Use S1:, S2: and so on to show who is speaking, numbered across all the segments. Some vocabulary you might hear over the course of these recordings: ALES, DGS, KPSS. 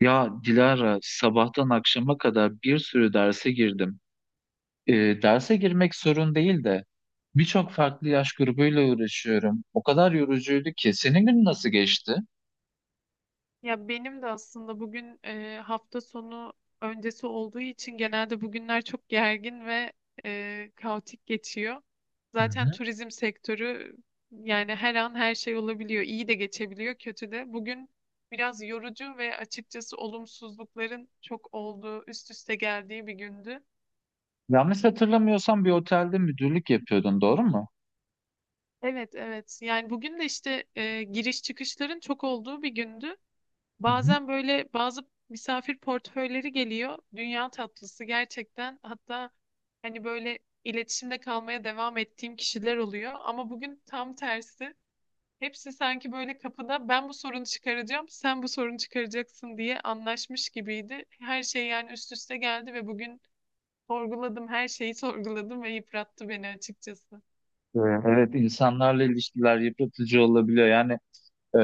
S1: Ya Dilara, sabahtan akşama kadar bir sürü derse girdim. Ee, Derse girmek sorun değil de birçok farklı yaş grubuyla uğraşıyorum. O kadar yorucuydu ki. Senin gün nasıl geçti?
S2: Ya benim de aslında bugün hafta sonu öncesi olduğu için genelde bugünler çok gergin ve kaotik geçiyor.
S1: Hı
S2: Zaten
S1: hı.
S2: turizm sektörü, yani her an her şey olabiliyor. İyi de geçebiliyor, kötü de. Bugün biraz yorucu ve açıkçası olumsuzlukların çok olduğu, üst üste geldiği bir gündü.
S1: Yanlış hatırlamıyorsam bir otelde müdürlük yapıyordun, doğru mu?
S2: Evet, evet. Yani bugün de işte giriş çıkışların çok olduğu bir gündü.
S1: Hı hı.
S2: Bazen böyle bazı misafir portföyleri geliyor. Dünya tatlısı gerçekten. Hatta hani böyle iletişimde kalmaya devam ettiğim kişiler oluyor. Ama bugün tam tersi. Hepsi sanki böyle kapıda ben bu sorunu çıkaracağım, sen bu sorunu çıkaracaksın diye anlaşmış gibiydi. Her şey yani üst üste geldi ve bugün sorguladım, her şeyi sorguladım ve yıprattı beni açıkçası.
S1: Evet, evet, insanlarla ilişkiler yıpratıcı olabiliyor. Yani e,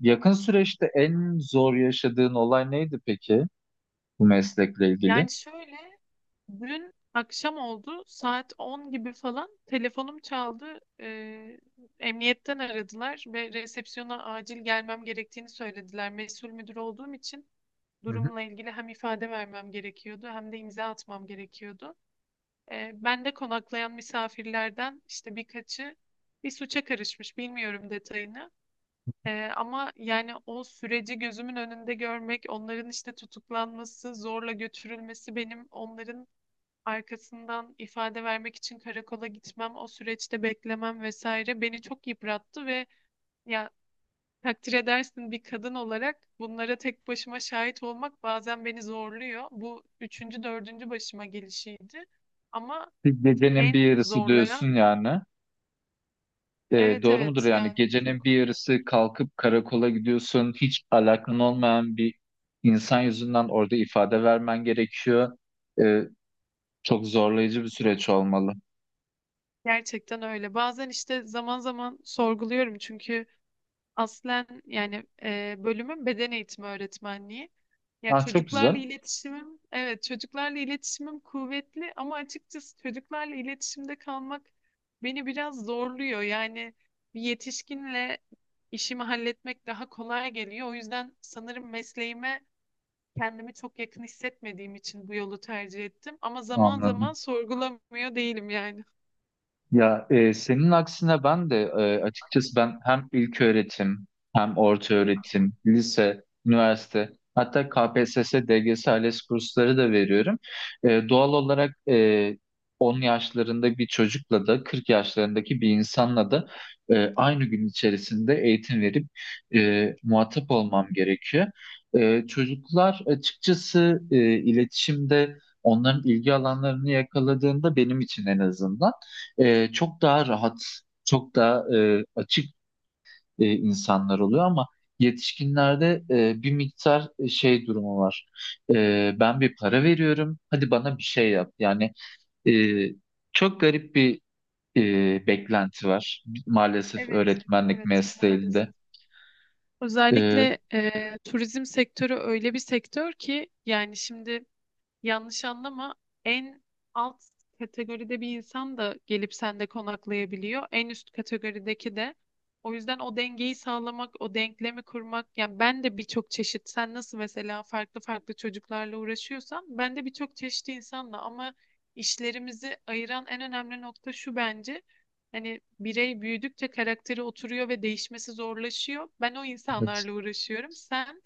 S1: yakın süreçte en zor yaşadığın olay neydi peki bu meslekle ilgili?
S2: Yani şöyle, dün akşam oldu. Saat 10 gibi falan telefonum çaldı. Emniyetten aradılar ve resepsiyona acil gelmem gerektiğini söylediler. Mesul müdür olduğum için
S1: Hı hı.
S2: durumla ilgili hem ifade vermem gerekiyordu hem de imza atmam gerekiyordu. Ben de konaklayan misafirlerden işte birkaçı bir suça karışmış. Bilmiyorum detayını. Ama yani o süreci gözümün önünde görmek, onların işte tutuklanması, zorla götürülmesi, benim onların arkasından ifade vermek için karakola gitmem, o süreçte beklemem vesaire beni çok yıprattı ve ya takdir edersin, bir kadın olarak bunlara tek başıma şahit olmak bazen beni zorluyor. Bu üçüncü, dördüncü başıma gelişiydi. Ama
S1: Bir gecenin bir
S2: en
S1: yarısı
S2: zorlayan.
S1: diyorsun yani.
S2: Evet,
S1: Doğru mudur
S2: evet,
S1: yani
S2: yani
S1: gecenin
S2: çok.
S1: bir yarısı kalkıp karakola gidiyorsun hiç alakan olmayan bir insan yüzünden orada ifade vermen gerekiyor. E, Çok zorlayıcı bir süreç olmalı.
S2: Gerçekten öyle. Bazen işte zaman zaman sorguluyorum, çünkü aslen yani bölümüm beden eğitimi öğretmenliği. Ya
S1: Ah çok güzel,
S2: çocuklarla iletişimim, evet, çocuklarla iletişimim kuvvetli ama açıkçası çocuklarla iletişimde kalmak beni biraz zorluyor. Yani bir yetişkinle işimi halletmek daha kolay geliyor. O yüzden sanırım mesleğime kendimi çok yakın hissetmediğim için bu yolu tercih ettim. Ama zaman zaman
S1: anladım.
S2: sorgulamıyor değilim yani.
S1: Ya senin aksine ben de açıkçası ben hem ilköğretim hem orta öğretim, lise, üniversite hatta KPSS, DGS, ALES kursları da veriyorum. Doğal olarak 10 yaşlarında bir çocukla da 40 yaşlarındaki bir insanla da aynı gün içerisinde eğitim verip muhatap olmam gerekiyor. Çocuklar açıkçası iletişimde onların ilgi alanlarını yakaladığında benim için en azından çok daha rahat, çok daha açık insanlar oluyor ama yetişkinlerde bir miktar şey durumu var. Ben bir para veriyorum, hadi bana bir şey yap. Yani e, çok garip bir beklenti var maalesef
S2: Evet,
S1: öğretmenlik
S2: evet,
S1: mesleğinde.
S2: maalesef.
S1: E,
S2: Özellikle turizm sektörü öyle bir sektör ki, yani şimdi. Yanlış anlama. En alt kategoride bir insan da gelip sende konaklayabiliyor. En üst kategorideki de. O yüzden o dengeyi sağlamak, o denklemi kurmak. Yani ben de birçok çeşit, sen nasıl mesela farklı farklı çocuklarla uğraşıyorsan, ben de birçok çeşit insanla, ama işlerimizi ayıran en önemli nokta şu bence. Hani birey büyüdükçe karakteri oturuyor ve değişmesi zorlaşıyor. Ben o
S1: evet.
S2: insanlarla uğraşıyorum. Sen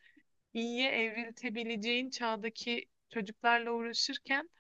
S2: iyiye evriltebileceğin çağdaki çocuklarla uğraşırken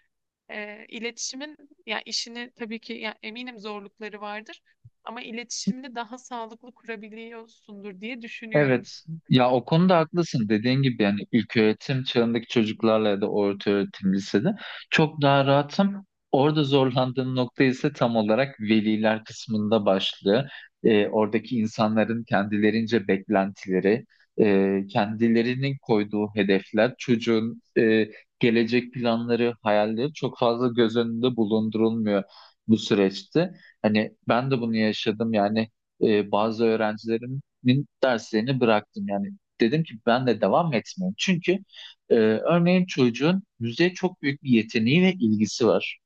S2: iletişimin, ya işini tabii ki, ya eminim zorlukları vardır ama iletişimini daha sağlıklı kurabiliyorsundur diye düşünüyorum.
S1: Evet. Ya o konuda haklısın. Dediğin gibi yani ilköğretim çağındaki çocuklarla ya da orta öğretim lisede çok daha rahatım. Orada zorlandığım nokta ise tam olarak veliler kısmında başlıyor. Oradaki insanların kendilerince beklentileri, kendilerinin koyduğu hedefler, çocuğun gelecek planları, hayalleri çok fazla göz önünde bulundurulmuyor bu süreçte. Hani ben de bunu yaşadım yani bazı öğrencilerin öğretmenlik derslerini bıraktım. Yani dedim ki ben de devam etmeyeyim. Çünkü örneğin çocuğun müziğe çok büyük bir yeteneği ve ilgisi var.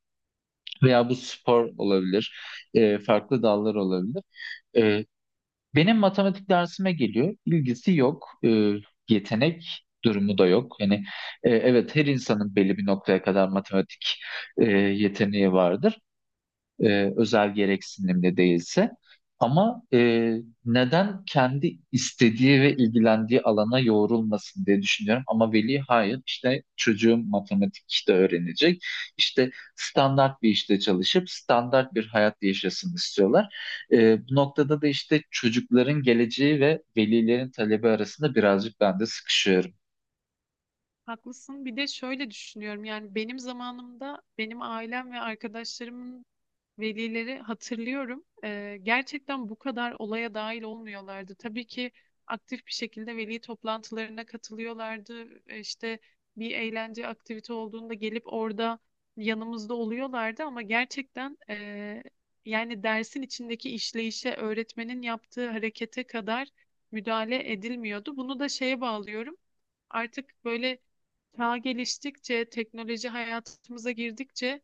S1: Veya bu spor olabilir, farklı dallar olabilir. E, Benim matematik dersime geliyor, ilgisi yok, yetenek durumu da yok. Yani evet her insanın belli bir noktaya kadar matematik yeteneği vardır özel gereksinimli değilse. Ama neden kendi istediği ve ilgilendiği alana yoğrulmasın diye düşünüyorum. Ama veli hayır işte çocuğum matematik işte öğrenecek. İşte standart bir işte çalışıp standart bir hayat yaşasın istiyorlar. Bu noktada da işte çocukların geleceği ve velilerin talebi arasında birazcık ben de sıkışıyorum.
S2: Haklısın. Bir de şöyle düşünüyorum, yani benim zamanımda benim ailem ve arkadaşlarımın velileri hatırlıyorum. Gerçekten bu kadar olaya dahil olmuyorlardı. Tabii ki aktif bir şekilde veli toplantılarına katılıyorlardı. İşte bir eğlence aktivite olduğunda gelip orada yanımızda oluyorlardı ama gerçekten yani dersin içindeki işleyişe, öğretmenin yaptığı harekete kadar müdahale edilmiyordu. Bunu da şeye bağlıyorum. Artık böyle çağ geliştikçe, teknoloji hayatımıza girdikçe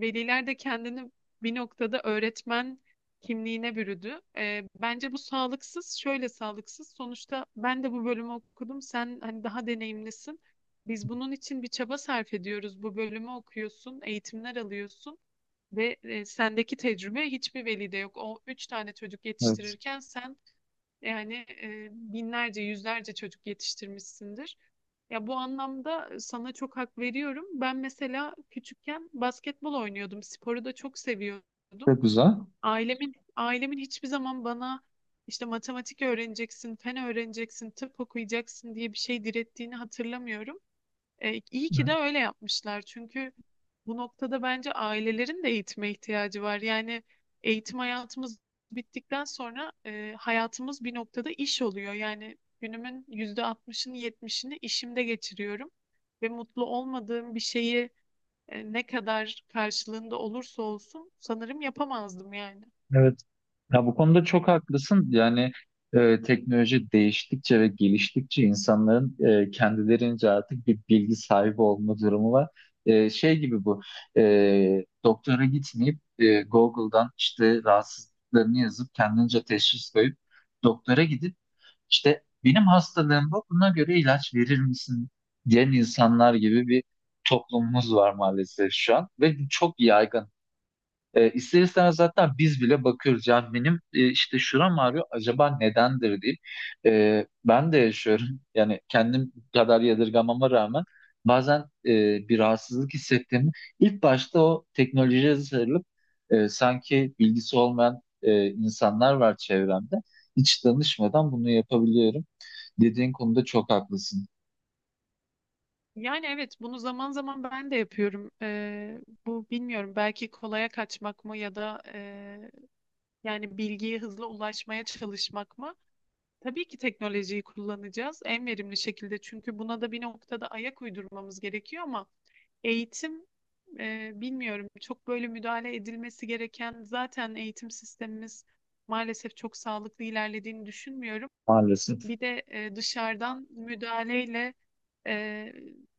S2: veliler de kendini bir noktada öğretmen kimliğine bürüdü. Bence bu sağlıksız, şöyle sağlıksız. Sonuçta ben de bu bölümü okudum. Sen hani daha deneyimlisin. Biz bunun için bir çaba sarf ediyoruz. Bu bölümü okuyorsun, eğitimler alıyorsun ve sendeki tecrübe hiçbir velide yok. O üç tane çocuk
S1: Evet,
S2: yetiştirirken sen, yani binlerce, yüzlerce çocuk yetiştirmişsindir. Ya bu anlamda sana çok hak veriyorum. Ben mesela küçükken basketbol oynuyordum. Sporu da çok seviyordum.
S1: çok güzel.
S2: Ailemin hiçbir zaman bana işte matematik öğreneceksin, fen öğreneceksin, tıp okuyacaksın diye bir şey direttiğini hatırlamıyorum. İyi ki de öyle yapmışlar çünkü bu noktada bence ailelerin de eğitime ihtiyacı var. Yani eğitim hayatımız bittikten sonra hayatımız bir noktada iş oluyor. Yani günümün yüzde 60'ını 70'ini işimde geçiriyorum ve mutlu olmadığım bir şeyi ne kadar karşılığında olursa olsun sanırım yapamazdım yani.
S1: Evet. Ya bu konuda çok haklısın. Yani teknoloji değiştikçe ve geliştikçe insanların kendilerince artık bir bilgi sahibi olma durumu var. Şey gibi bu. Doktora gitmeyip Google'dan işte rahatsızlıklarını yazıp kendince teşhis koyup doktora gidip işte benim hastalığım bu. Buna göre ilaç verir misin diyen insanlar gibi bir toplumumuz var maalesef şu an ve bu çok yaygın. İster istemez zaten biz bile bakıyoruz. Yani benim işte şuram ağrıyor acaba nedendir diye. Ben de yaşıyorum. Yani kendim kadar yadırgamama rağmen bazen bir rahatsızlık hissettiğimi ilk başta o teknolojiye sarılıp sanki bilgisi olmayan insanlar var çevremde. Hiç danışmadan bunu yapabiliyorum. Dediğin konuda çok haklısın.
S2: Yani evet, bunu zaman zaman ben de yapıyorum. Bu bilmiyorum, belki kolaya kaçmak mı, ya da yani bilgiye hızlı ulaşmaya çalışmak mı? Tabii ki teknolojiyi kullanacağız en verimli şekilde. Çünkü buna da bir noktada ayak uydurmamız gerekiyor ama eğitim bilmiyorum, çok böyle müdahale edilmesi gereken, zaten eğitim sistemimiz maalesef çok sağlıklı ilerlediğini düşünmüyorum.
S1: Maalesef.
S2: Bir de dışarıdan müdahaleyle e,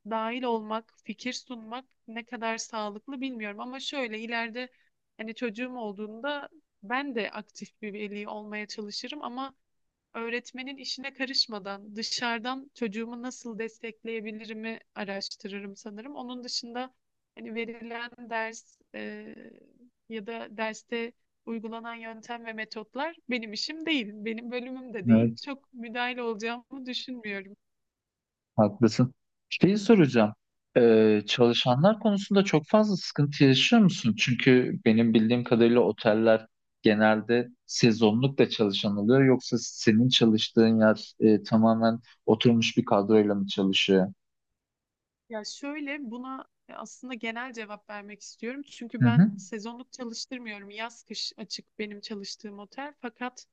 S2: dahil olmak, fikir sunmak ne kadar sağlıklı bilmiyorum. Ama şöyle ileride hani çocuğum olduğunda ben de aktif bir veli olmaya çalışırım ama öğretmenin işine karışmadan dışarıdan çocuğumu nasıl destekleyebilirimi araştırırım sanırım. Onun dışında hani verilen ders, ya da derste uygulanan yöntem ve metotlar benim işim değil, benim bölümüm de değil.
S1: Evet.
S2: Çok müdahil olacağımı düşünmüyorum.
S1: Haklısın. Şeyi soracağım. Çalışanlar konusunda çok fazla sıkıntı yaşıyor musun? Çünkü benim bildiğim kadarıyla oteller genelde sezonluk da çalışan oluyor. Yoksa senin çalıştığın yer tamamen oturmuş bir kadroyla mı çalışıyor?
S2: Ya şöyle, buna aslında genel cevap vermek istiyorum. Çünkü
S1: Hı hı.
S2: ben sezonluk çalıştırmıyorum. Yaz kış açık benim çalıştığım otel. Fakat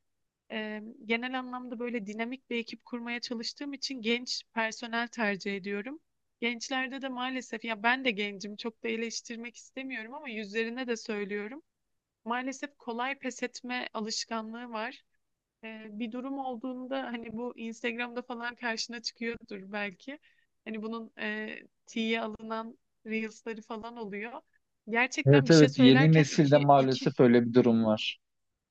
S2: genel anlamda böyle dinamik bir ekip kurmaya çalıştığım için genç personel tercih ediyorum. Gençlerde de maalesef, ya ben de gencim, çok da eleştirmek istemiyorum ama yüzlerine de söylüyorum. Maalesef kolay pes etme alışkanlığı var. Bir durum olduğunda hani bu Instagram'da falan karşına çıkıyordur belki. Hani bunun tiye alınan Reels'ları falan oluyor. Gerçekten
S1: Evet,
S2: bir şey
S1: evet, yeni
S2: söylerken
S1: nesilde
S2: iki, iki
S1: maalesef öyle bir durum var.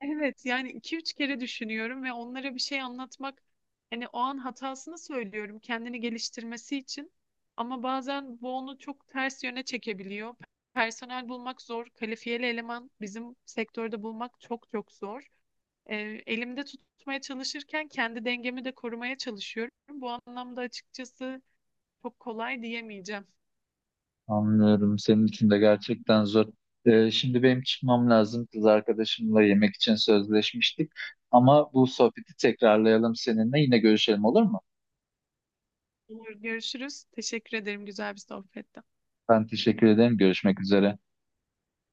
S2: Evet, yani iki üç kere düşünüyorum ve onlara bir şey anlatmak, hani o an hatasını söylüyorum kendini geliştirmesi için ama bazen bu onu çok ters yöne çekebiliyor. Personel bulmak zor, kalifiyeli eleman bizim sektörde bulmak çok çok zor. Ee, Elimde tutmaya çalışırken kendi dengemi de korumaya çalışıyorum. Bu anlamda açıkçası çok kolay diyemeyeceğim.
S1: Anlıyorum. Senin için de gerçekten zor. Şimdi benim çıkmam lazım. Kız arkadaşımla yemek için sözleşmiştik. Ama bu sohbeti tekrarlayalım seninle. Yine görüşelim, olur mu?
S2: Olur, görüşürüz. Teşekkür ederim, güzel bir sohbet.
S1: Ben teşekkür ederim. Görüşmek üzere.